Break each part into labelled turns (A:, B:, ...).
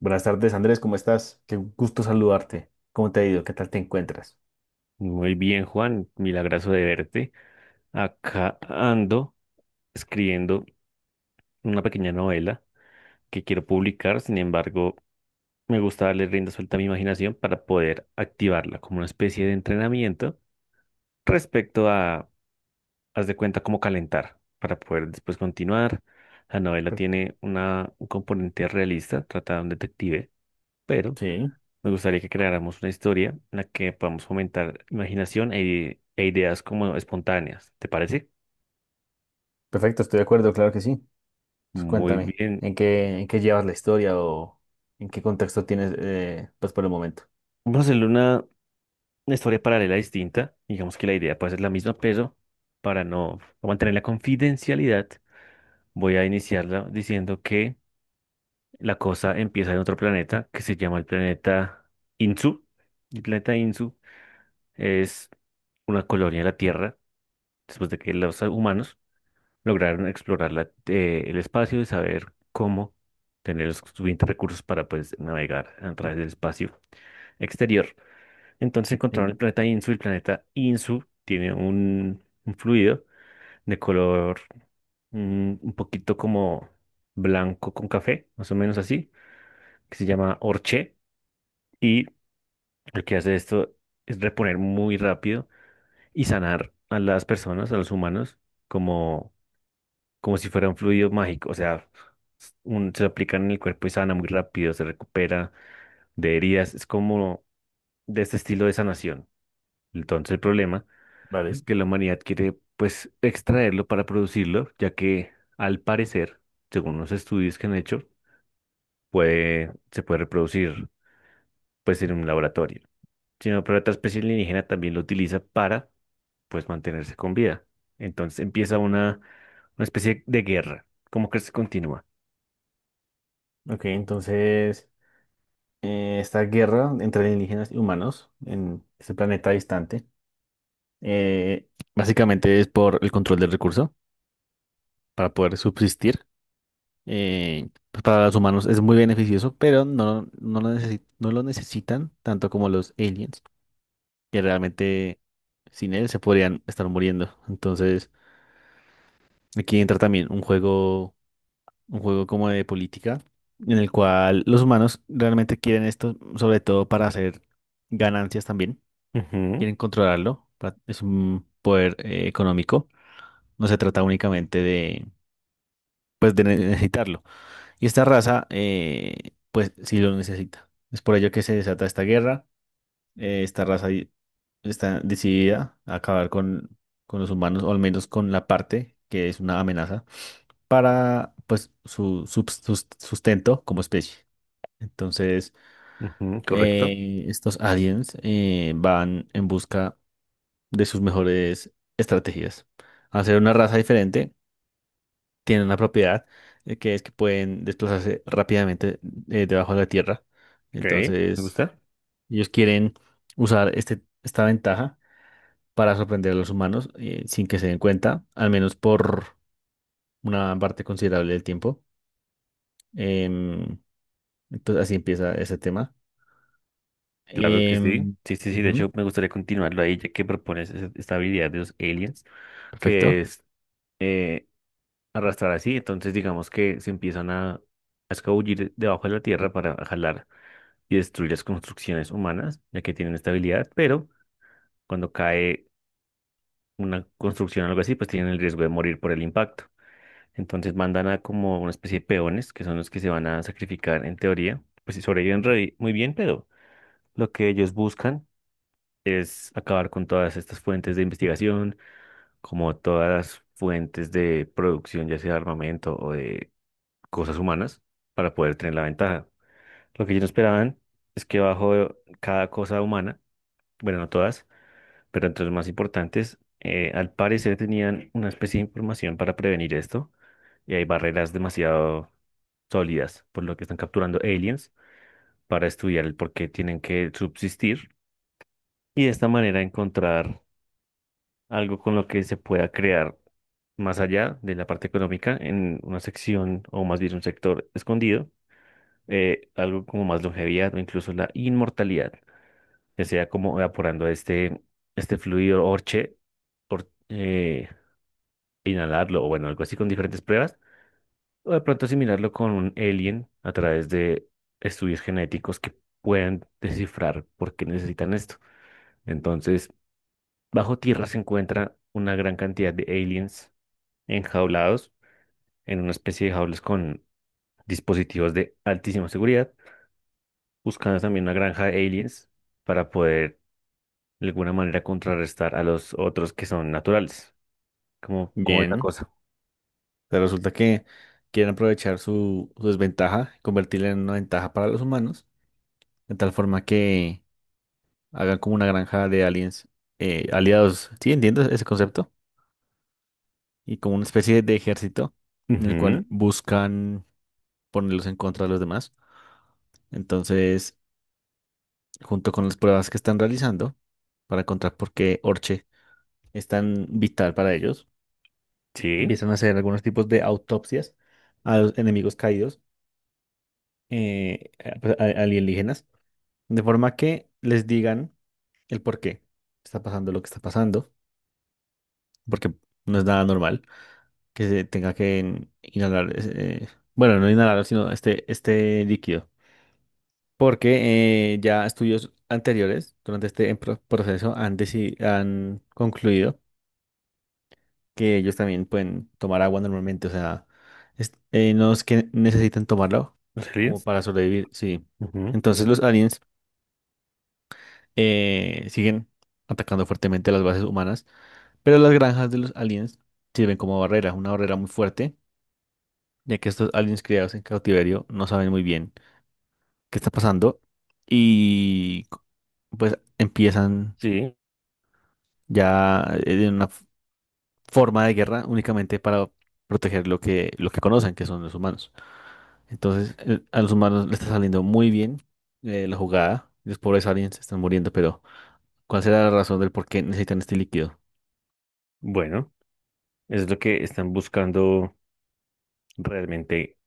A: Buenas tardes, Andrés, ¿cómo estás? Qué gusto saludarte. ¿Cómo te ha ido? ¿Qué tal te encuentras?
B: Muy bien, Juan, milagroso de verte. Acá ando escribiendo una pequeña novela que quiero publicar, sin embargo, me gusta darle rienda suelta a mi imaginación para poder activarla como una especie de entrenamiento respecto a, haz de cuenta, cómo calentar para poder después continuar. La novela
A: Pues,
B: tiene un componente realista, trata de un detective, pero
A: sí,
B: me gustaría que creáramos una historia en la que podamos fomentar imaginación e ideas como espontáneas. ¿Te parece?
A: perfecto, estoy de acuerdo, claro que sí. Pues
B: Muy
A: cuéntame,
B: bien.
A: ¿en qué llevas la historia o en qué contexto tienes, pues por el momento?
B: Vamos a hacerle una historia paralela distinta. Digamos que la idea puede ser la misma, pero para no mantener la confidencialidad, voy a iniciarla diciendo que la cosa empieza en otro planeta que se llama el planeta Insu. El planeta Insu es una colonia de la Tierra después de que los humanos lograron explorar el espacio y saber cómo tener los suficientes recursos para pues navegar a través del espacio exterior. Entonces encontraron el
A: Sí,
B: planeta Insu. El planeta Insu tiene un fluido de color un poquito como blanco con café, más o menos así, que se llama Orché. Y lo que hace esto es reponer muy rápido y sanar a las personas, a los humanos, como como si fuera un fluido mágico, o sea, se lo aplican en el cuerpo y sana muy rápido, se recupera de heridas, es como de este estilo de sanación. Entonces el problema es
A: vale.
B: que la humanidad quiere pues extraerlo para producirlo, ya que al parecer, según los estudios que han hecho, se puede reproducir pues en un laboratorio. Sino, pero otra especie alienígena también lo utiliza para pues mantenerse con vida. Entonces empieza una especie de guerra, como que se continúa.
A: Ok, entonces, esta guerra entre indígenas y humanos en este planeta distante, eh, básicamente es por el control del recurso para poder subsistir. Pues para los humanos es muy beneficioso, pero no, no lo necesi- no lo necesitan tanto como los aliens, que realmente sin él se podrían estar muriendo. Entonces, aquí entra también un juego como de política, en el cual los humanos realmente quieren esto, sobre todo para hacer ganancias también,
B: Ujú.
A: quieren controlarlo, es un poder económico, no se trata únicamente de, pues, de necesitarlo. Y esta raza, pues sí lo necesita. Es por ello que se desata esta guerra. Eh, esta raza di- Está decidida a acabar con los humanos, o al menos con la parte que es una amenaza, para pues su sustento como especie. Entonces,
B: Ujú, correcto.
A: estos aliens van en busca de sus mejores estrategias. Hacer una raza diferente, tienen una propiedad que es que pueden desplazarse rápidamente, debajo de la tierra.
B: Ok, me
A: Entonces,
B: gusta.
A: ellos quieren usar esta ventaja para sorprender a los humanos, sin que se den cuenta, al menos por una parte considerable del tiempo. Em, entonces, así empieza ese tema.
B: Claro que sí.
A: Em,
B: Sí, sí, sí. De
A: Ujú,
B: hecho, me gustaría continuarlo ahí, ya que propones esta habilidad de los aliens, que
A: perfecto.
B: es eh, arrastrar así. Entonces, digamos que se empiezan a escabullir debajo de la tierra para jalar y destruir las construcciones humanas, ya que tienen esta habilidad. Pero cuando cae una construcción o algo así, pues tienen el riesgo de morir por el impacto. Entonces, mandan a como una especie de peones, que son los que se van a sacrificar en teoría. Pues si sobreviven muy bien, pero. Lo que ellos buscan es acabar con todas estas fuentes de investigación, como todas las fuentes de producción, ya sea de armamento o de cosas humanas, para poder tener la ventaja. Lo que ellos no esperaban es que bajo cada cosa humana, bueno, no todas, pero entre las más importantes, al parecer tenían una especie de información para prevenir esto, y hay barreras demasiado sólidas, por lo que están capturando aliens para estudiar el por qué tienen que subsistir y de esta manera encontrar algo con lo que se pueda crear más allá de la parte económica en una sección o más bien un sector escondido, algo como más longevidad o incluso la inmortalidad, que sea como evaporando este, este fluido orche, or- eh, inhalarlo o bueno, algo así con diferentes pruebas, o de pronto asimilarlo con un alien a través de estudios genéticos que puedan descifrar por qué necesitan esto. Entonces, bajo tierra se encuentra una gran cantidad de aliens enjaulados en una especie de jaulas con dispositivos de altísima seguridad, buscando también una granja de aliens para poder de alguna manera contrarrestar a los otros que son naturales. ¿Cómo, cómo es la
A: Bien.
B: cosa?
A: Pero resulta que quieren aprovechar su desventaja, convertirla en una ventaja para los humanos, de tal forma que hagan como una granja de aliens aliados. Sí, entiendo ese concepto. Y como una especie de ejército en el cual
B: Ujú.
A: buscan ponerlos en contra de los demás. Entonces, junto con las pruebas que están realizando para encontrar por qué Orche es tan vital para ellos,
B: Sí,
A: empiezan a hacer algunos tipos de autopsias a los enemigos caídos, pues, alienígenas, de forma que les digan el por qué está pasando lo que está pasando, porque no es nada normal, que se tenga que bueno, no inhalar, sino este líquido. Porque ya estudios anteriores durante este proceso han concluido que ellos también pueden tomar agua normalmente. O sea, no es que necesiten tomarlo
B: los
A: como
B: aliens.
A: para sobrevivir, sí.
B: Ujú.
A: Entonces los aliens siguen atacando fuertemente las bases humanas, pero las granjas de los aliens sirven como barrera, una barrera muy fuerte, ya que estos aliens criados en cautiverio no saben muy bien qué está pasando y co- pues empiezan
B: Sí,
A: ya en una forma de guerra únicamente para proteger lo que conocen, que son los humanos. Entonces, a los humanos les está saliendo muy bien la jugada. Los pobres aliens se están muriendo, pero ¿cuál será la razón del por qué necesitan este líquido?
B: bueno, es lo que están buscando realmente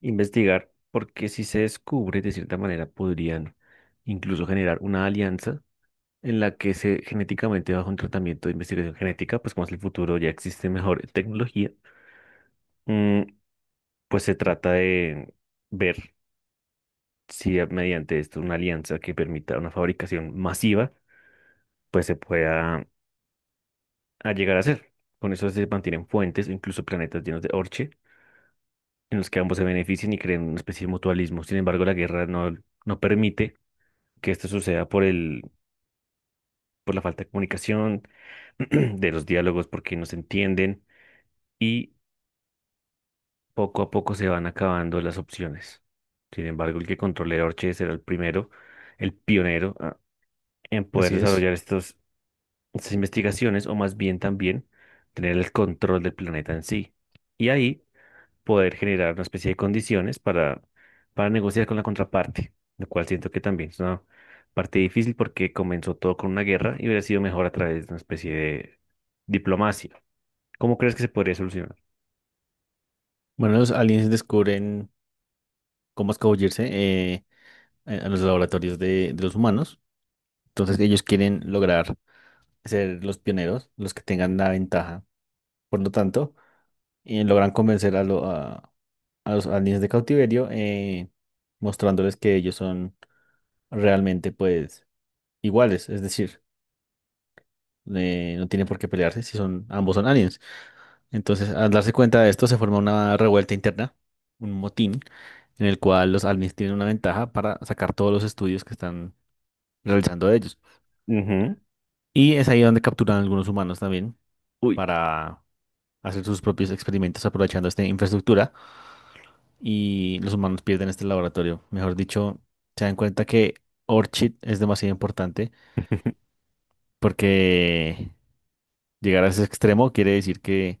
B: investigar, porque si se descubre, de cierta manera podrían incluso generar una alianza en la que se genéticamente bajo un tratamiento de investigación genética, pues como es el futuro, ya existe mejor tecnología, mm, pues se trata de ver si mediante esto una alianza que permita una fabricación masiva, pues se pueda a llegar a hacer. Con eso se mantienen fuentes o incluso planetas llenos de orche en los que ambos se beneficien y creen una especie de mutualismo. Sin embargo, la guerra no, no permite que esto suceda por por la falta de comunicación, de los diálogos porque no se entienden. Y poco a poco se van acabando las opciones. Sin embargo, el que controle Orche será el primero, el pionero en poder
A: Así es.
B: desarrollar estas investigaciones o más bien también tener el control del planeta en sí. Y ahí poder generar una especie de condiciones para negociar con la contraparte, lo cual siento que también es una parte difícil porque comenzó todo con una guerra y hubiera sido mejor a través de una especie de diplomacia. ¿Cómo crees que se podría solucionar?
A: Bueno, los aliens descubren cómo escabullirse, a los laboratorios de los humanos. Entonces, ellos quieren lograr ser los pioneros, los que tengan la ventaja. Por lo tanto, logran convencer a a los aliens de cautiverio, mostrándoles que ellos son realmente pues iguales, es decir, no tienen por qué pelearse si son, ambos son aliens. Entonces, al darse cuenta de esto, se forma una revuelta interna, un motín, en el cual los aliens tienen una ventaja para sacar todos los estudios que están realizando de ellos.
B: Ujú.
A: Y es ahí donde capturan a algunos humanos también
B: Uy.
A: para hacer sus propios experimentos aprovechando esta infraestructura y los humanos pierden este laboratorio. Mejor dicho, se dan cuenta que Orchid es demasiado importante porque llegar a ese extremo quiere decir que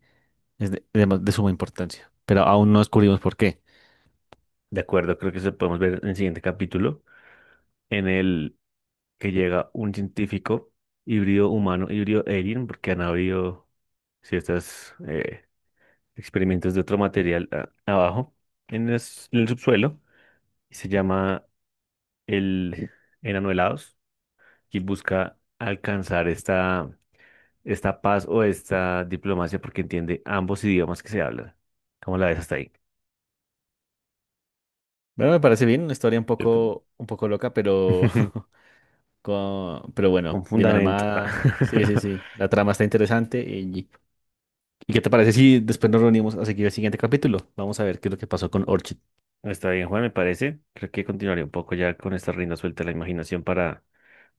A: es de suma importancia, pero aún no descubrimos por qué.
B: De acuerdo, creo que eso podemos ver en el siguiente capítulo, en el que llega un científico híbrido humano, híbrido alien, porque han habido ciertos experimentos de otro material abajo, en en el subsuelo, y se llama el enano helados, y busca alcanzar esta, esta paz o esta diplomacia porque entiende ambos idiomas que se hablan. ¿Cómo la ves hasta ahí?
A: Bueno, me parece bien, una historia
B: ¿Cierto?
A: un poco loca, pero pero bueno,
B: Con
A: bien
B: fundamento.
A: armada. Sí, sí, sí. La trama está interesante. ¿Y qué te parece si después nos reunimos a seguir el siguiente capítulo? Vamos a ver qué es lo que pasó con Orchid.
B: Está bien, Juan, me parece. Creo que continuaré un poco ya con esta rienda suelta de la imaginación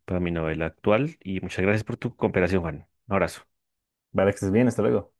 B: para mi novela actual. Y muchas gracias por tu cooperación, Juan. Un abrazo.
A: Vale, que estés bien, hasta luego.